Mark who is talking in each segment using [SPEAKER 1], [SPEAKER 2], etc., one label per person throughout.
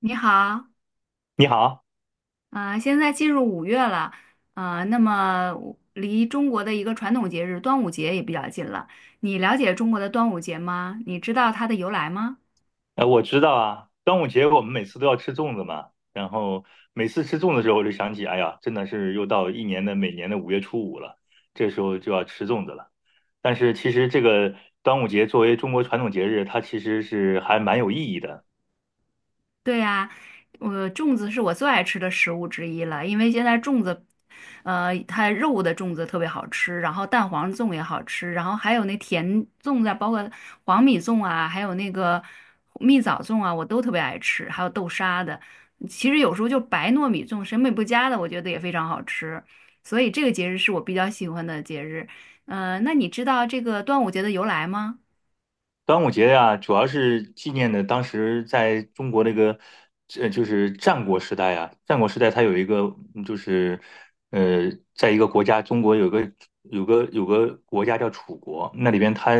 [SPEAKER 1] 你好，
[SPEAKER 2] 你好，
[SPEAKER 1] 现在进入五月了，那么我离中国的一个传统节日端午节也比较近了。你了解中国的端午节吗？你知道它的由来吗？
[SPEAKER 2] 我知道啊，端午节我们每次都要吃粽子嘛，然后每次吃粽子的时候，我就想起，哎呀，真的是又到一年的每年的五月初五了，这时候就要吃粽子了。但是其实这个端午节作为中国传统节日，它其实是还蛮有意义的。
[SPEAKER 1] 对呀，我粽子是我最爱吃的食物之一了，因为现在粽子，它肉的粽子特别好吃，然后蛋黄粽也好吃，然后还有那甜粽子啊包括黄米粽啊，还有那个蜜枣粽啊，我都特别爱吃，还有豆沙的。其实有时候就白糯米粽，审美不佳的，我觉得也非常好吃。所以这个节日是我比较喜欢的节日。那你知道这个端午节的由来吗？
[SPEAKER 2] 端午节呀、主要是纪念的当时在中国那个，就是战国时代啊。战国时代它有一个，嗯就是，呃，在一个国家，中国有个国家叫楚国，那里边他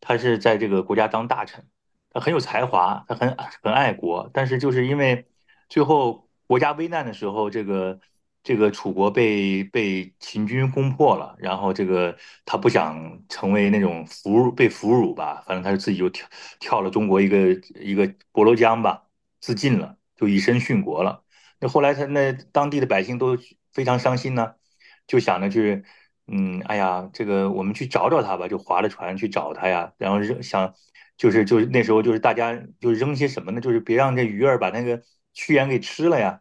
[SPEAKER 2] 他是在这个国家当大臣，他很有才华，他很爱国，但是就是因为最后国家危难的时候，这个楚国被秦军攻破了，然后他不想成为那种俘虏被俘虏吧，反正他就自己就跳了中国一个博罗江吧，自尽了，就以身殉国了。那后来他那当地的百姓都非常伤心呢，就想着去哎呀，这个我们去找找他吧，就划着船去找他呀。然后扔想，就是那时候就是大家就是扔些什么呢？就是别让这鱼儿把那个屈原给吃了呀，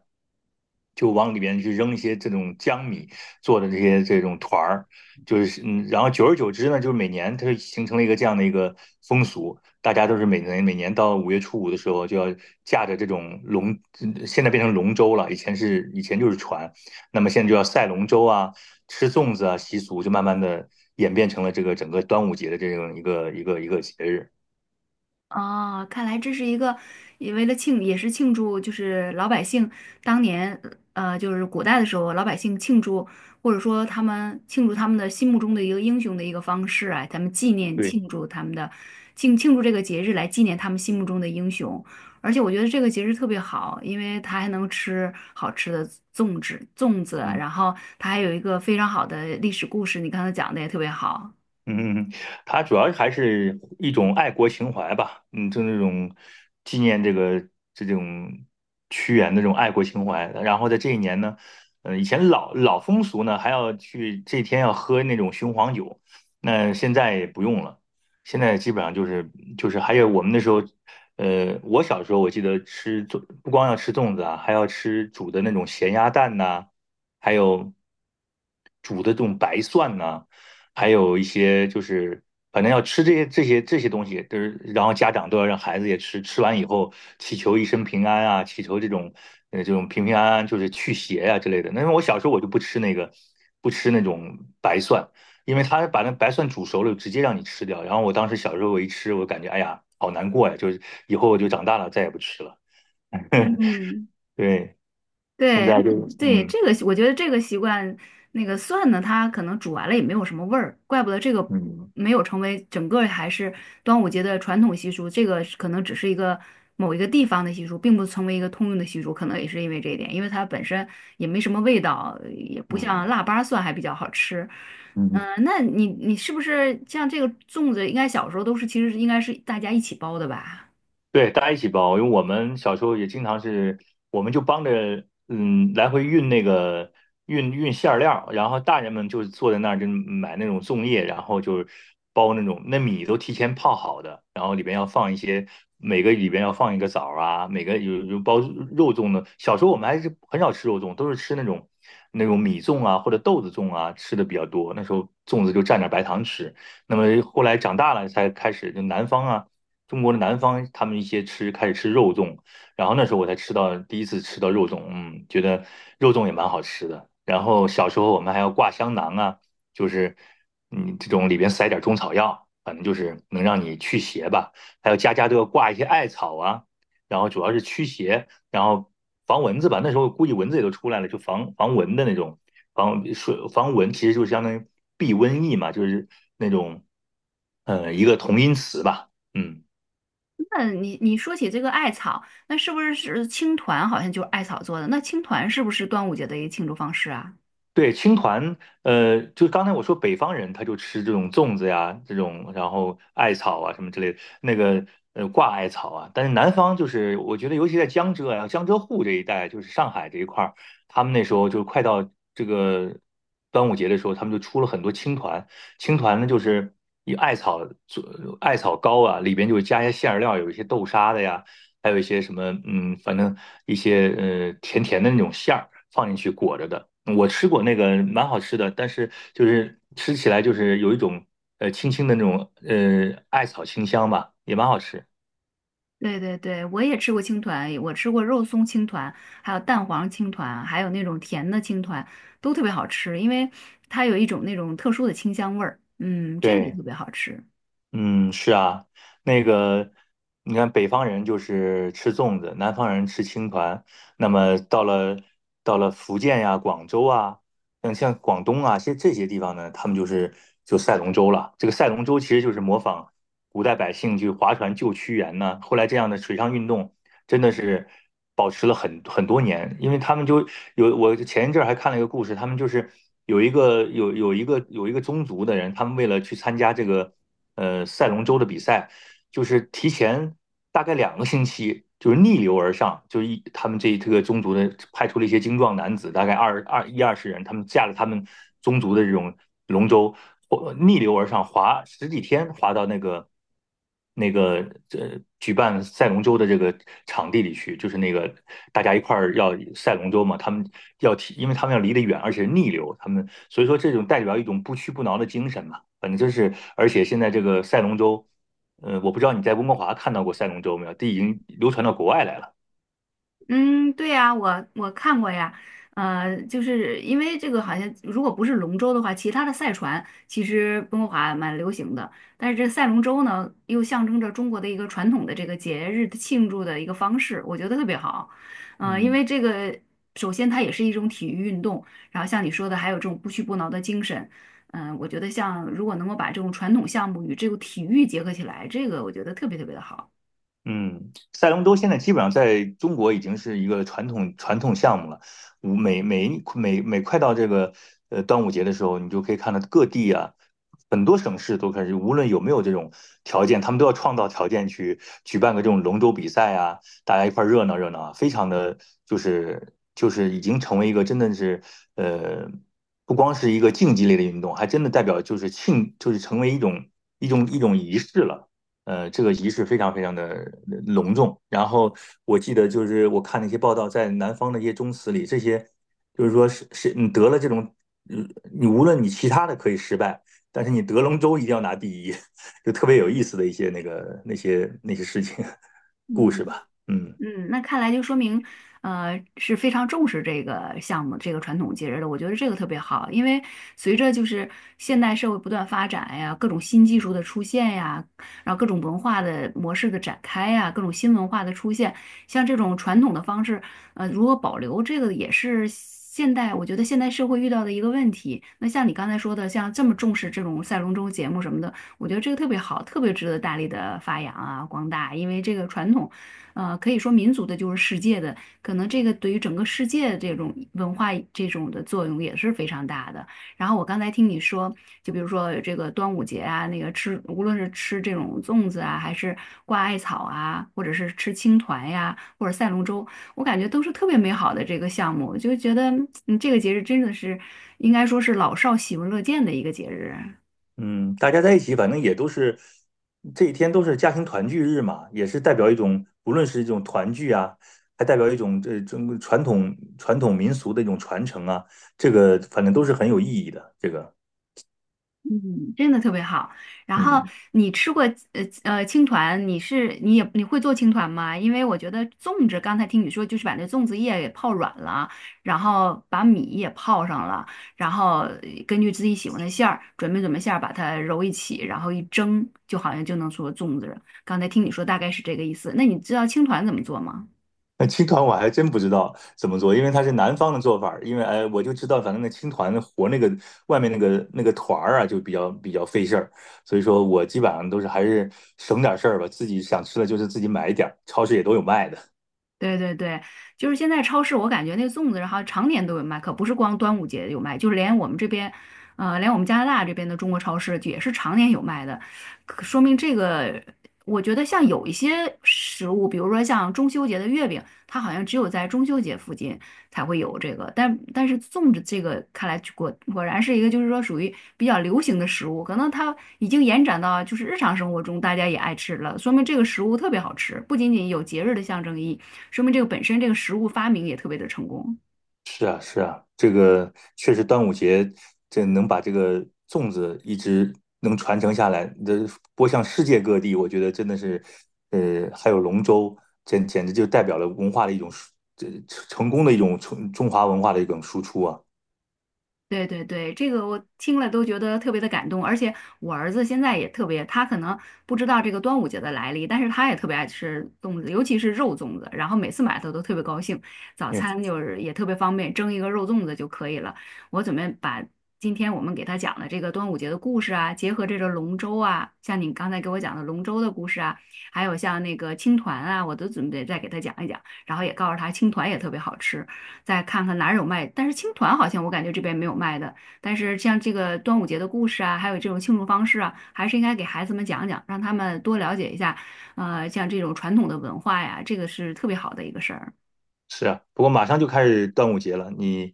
[SPEAKER 2] 就往里边去扔一些这种江米做的这些这种团儿，就是然后久而久之呢，就是每年它就形成了一个这样的一个风俗，大家都是每年到五月初五的时候就要驾着这种龙，现在变成龙舟了，以前就是船。那么现在就要赛龙舟啊、吃粽子啊，习俗就慢慢的演变成了这个整个端午节的这样一个节日。
[SPEAKER 1] 哦，看来这是一个，也为了庆，也是庆祝，就是老百姓当年，就是古代的时候，老百姓庆祝，或者说他们庆祝他们的心目中的一个英雄的一个方式啊，咱们纪念
[SPEAKER 2] 对，
[SPEAKER 1] 庆祝他们的庆祝这个节日来纪念他们心目中的英雄。而且我觉得这个节日特别好，因为它还能吃好吃的粽子，
[SPEAKER 2] 嗯。
[SPEAKER 1] 然后它还有一个非常好的历史故事，你刚才讲的也特别好。
[SPEAKER 2] 嗯，它主要还是一种爱国情怀吧，就那种纪念这个这种屈原的这种爱国情怀。然后在这一年呢，以前老风俗呢，还要去这天要喝那种雄黄酒，那现在也不用了，现在基本上就是还有我们那时候，我小时候我记得不光要吃粽子啊，还要吃煮的那种咸鸭蛋呐、还有煮的这种白蒜呐、还有一些就是反正要吃这些东西，就是然后家长都要让孩子也吃，吃完以后祈求一生平安啊，祈求这种平平安安，就是去邪啊之类的。那么我小时候我就不吃那个，不吃那种白蒜，因为他把那白蒜煮熟了，直接让你吃掉。然后我当时小时候我一吃，我感觉哎呀好难过呀，就是以后我就长大了再也不吃了。
[SPEAKER 1] 嗯，
[SPEAKER 2] 对，现
[SPEAKER 1] 对
[SPEAKER 2] 在就
[SPEAKER 1] 嗯对，这个习我觉得这个习惯，那个蒜呢，它可能煮完了也没有什么味儿，怪不得这个
[SPEAKER 2] 嗯
[SPEAKER 1] 没有成为整个还是端午节的传统习俗，这个是可能只是一个某一个地方的习俗，并不成为一个通用的习俗，可能也是因为这一点，因为它本身也没什么味道，也不像
[SPEAKER 2] 嗯
[SPEAKER 1] 腊八蒜还比较好吃。嗯、
[SPEAKER 2] 嗯。
[SPEAKER 1] 那你是不是像这个粽子，应该小时候都是其实应该是大家一起包的吧？
[SPEAKER 2] 对，大家一起包，因为我们小时候也经常是，我们就帮着来回运那个运馅儿料，然后大人们就坐在那儿就买那种粽叶，然后就是包那种那米都提前泡好的，然后里边要放一些每个里边要放一个枣儿啊，每个包肉粽的。小时候我们还是很少吃肉粽，都是吃那种米粽啊或者豆子粽啊吃的比较多，那时候粽子就蘸点白糖吃。那么后来长大了才开始，就南方啊。中国的南方，他们一些吃开始吃肉粽，然后那时候我才吃到第一次吃到肉粽，觉得肉粽也蛮好吃的。然后小时候我们还要挂香囊啊，就是这种里边塞点中草药，反正就是能让你驱邪吧。还有家家都要挂一些艾草啊，然后主要是驱邪，然后防蚊子吧。那时候估计蚊子也都出来了，就防蚊的那种防水防蚊，其实就相当于避瘟疫嘛，就是那种一个同音词吧，嗯。
[SPEAKER 1] 那你说起这个艾草，那是不是是青团？好像就是艾草做的。那青团是不是端午节的一个庆祝方式啊？
[SPEAKER 2] 对，青团，就刚才我说北方人他就吃这种粽子呀，这种然后艾草啊什么之类的，那个挂艾草啊，但是南方就是我觉得尤其在江浙啊、江浙沪这一带，就是上海这一块儿，他们那时候就快到这个端午节的时候，他们就出了很多青团，青团呢就是以艾草做艾草糕啊，里边就加一些馅儿料，有一些豆沙的呀。还有一些什么，反正一些甜甜的那种馅儿放进去裹着的。我吃过那个，蛮好吃的，但是就是吃起来就是有一种轻轻的那种艾草清香吧，也蛮好吃。
[SPEAKER 1] 对对对，我也吃过青团，我吃过肉松青团，还有蛋黄青团，还有那种甜的青团，都特别好吃，因为它有一种那种特殊的清香味儿。嗯，这个也
[SPEAKER 2] 对。
[SPEAKER 1] 特别好吃。
[SPEAKER 2] 嗯，是啊，那个，你看北方人就是吃粽子，南方人吃青团。那么到了福建呀、广州啊，像广东啊，这些地方呢，他们就赛龙舟了。这个赛龙舟其实就是模仿古代百姓去划船救屈原呢。后来这样的水上运动真的是保持了很多年，因为他们就有我前一阵儿还看了一个故事，他们就是有一个宗族的人，他们为了去参加这个赛龙舟的比赛，就是提前大概2个星期，就是逆流而上，就是他们这个宗族的派出了一些精壮男子，大概20人，他们驾着他们宗族的这种龙舟，逆流而上，滑十几天，滑到那个举办赛龙舟的这个场地里去，就是那个大家一块儿要赛龙舟嘛，他们要提，因为他们要离得远，而且逆流，他们所以说这种代表一种不屈不挠的精神嘛，反正就是，而且现在这个赛龙舟，我不知道你在温哥华看到过赛龙舟没有，这已经流传到国外来了。
[SPEAKER 1] 嗯，对呀，我看过呀，就是因为这个好像如果不是龙舟的话，其他的赛船其实温哥华蛮流行的，但是这赛龙舟呢，又象征着中国的一个传统的这个节日的庆祝的一个方式，我觉得特别好。因
[SPEAKER 2] 嗯。
[SPEAKER 1] 为这个首先它也是一种体育运动，然后像你说的还有这种不屈不挠的精神，嗯、我觉得像如果能够把这种传统项目与这个体育结合起来，这个我觉得特别特别的好。
[SPEAKER 2] 嗯，赛龙舟现在基本上在中国已经是一个传统项目了。五每每每每快到这个端午节的时候，你就可以看到各地啊，很多省市都开始，无论有没有这种条件，他们都要创造条件去举办个这种龙舟比赛啊，大家一块儿热闹热闹啊，非常的就是已经成为一个真的是呃，不光是一个竞技类的运动，还真的代表就是庆就是成为一种仪式了。这个仪式非常非常的隆重。然后我记得就是我看那些报道，在南方的一些宗祠里，这些就是说是你得了这种，你无论你其他的可以失败，但是你得龙舟一定要拿第一，就特别有意思的一些那些故事
[SPEAKER 1] 嗯，
[SPEAKER 2] 吧。嗯。
[SPEAKER 1] 嗯，那看来就说明，是非常重视这个项目、这个传统节日的。我觉得这个特别好，因为随着就是现代社会不断发展呀，各种新技术的出现呀，然后各种文化的模式的展开呀，各种新文化的出现，像这种传统的方式，如何保留，这个也是现代，我觉得现代社会遇到的一个问题。那像你刚才说的，像这么重视这种赛龙舟节目什么的，我觉得这个特别好，特别值得大力的发扬啊，光大，因为这个传统。可以说民族的就是世界的，可能这个对于整个世界这种文化这种的作用也是非常大的。然后我刚才听你说，就比如说这个端午节啊，那个吃，无论是吃这种粽子啊，还是挂艾草啊，或者是吃青团呀、或者赛龙舟，我感觉都是特别美好的这个项目，就觉得嗯，这个节日真的是应该说是老少喜闻乐见的一个节日啊。
[SPEAKER 2] 嗯，大家在一起，反正也都是这一天都是家庭团聚日嘛，也是代表一种，无论是一种团聚啊，还代表一种这中国传统民俗的一种传承啊，这个反正都是很有意义的。
[SPEAKER 1] 嗯，真的特别好。然后
[SPEAKER 2] 嗯，
[SPEAKER 1] 你吃过青团，你是你也你会做青团吗？因为我觉得粽子，刚才听你说就是把那粽子叶给泡软了，然后把米也泡上了，然后根据自己喜欢的馅儿准备馅儿，把它揉一起，然后一蒸，就好像就能做粽子了刚才听你说大概是这个意思。那你知道青团怎么做吗？
[SPEAKER 2] 那青团我还真不知道怎么做，因为它是南方的做法儿因为哎，我就知道反正那青团和那个外面那个团儿啊，就比较费事儿，所以说我基本上都是还是省点儿事儿吧，自己想吃的就是自己买一点儿，超市也都有卖的。
[SPEAKER 1] 对对对，就是现在超市，我感觉那粽子，然后常年都有卖，可不是光端午节有卖，就是连我们这边，连我们加拿大这边的中国超市也是常年有卖的，可说明这个，我觉得像有一些食物，比如说像中秋节的月饼，它好像只有在中秋节附近，才会有这个。但是粽子这个看来果然是一个就是说属于比较流行的食物，可能它已经延展到就是日常生活中大家也爱吃了，说明这个食物特别好吃，不仅仅有节日的象征意义，说明这个本身这个食物发明也特别的成功。
[SPEAKER 2] 是啊，是啊，这个确实端午节这能把这个粽子一直能传承下来，这播向世界各地，我觉得真的是，还有龙舟，简直就代表了文化的一种这成功的一种中华文化的一种输出啊。
[SPEAKER 1] 对对对，这个我听了都觉得特别的感动，而且我儿子现在也特别，他可能不知道这个端午节的来历，但是他也特别爱吃粽子，尤其是肉粽子，然后每次买他都特别高兴，早
[SPEAKER 2] 嗯，
[SPEAKER 1] 餐就是也特别方便，蒸一个肉粽子就可以了。我准备把今天我们给他讲的这个端午节的故事啊，结合这个龙舟啊，像你刚才给我讲的龙舟的故事啊，还有像那个青团啊，我都准备再给他讲一讲，然后也告诉他青团也特别好吃。再看看哪儿有卖。但是青团好像我感觉这边没有卖的。但是像这个端午节的故事啊，还有这种庆祝方式啊，还是应该给孩子们讲讲，让他们多了解一下。像这种传统的文化呀，这个是特别好的一个事儿。
[SPEAKER 2] 是啊，不过马上就开始端午节了，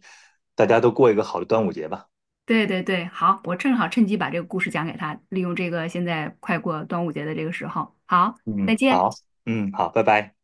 [SPEAKER 2] 大家都过一个好的端午节吧。
[SPEAKER 1] 对对对，好，我正好趁机把这个故事讲给他，利用这个现在快过端午节的这个时候。好，再
[SPEAKER 2] 嗯，
[SPEAKER 1] 见。
[SPEAKER 2] 好，嗯，好，拜拜。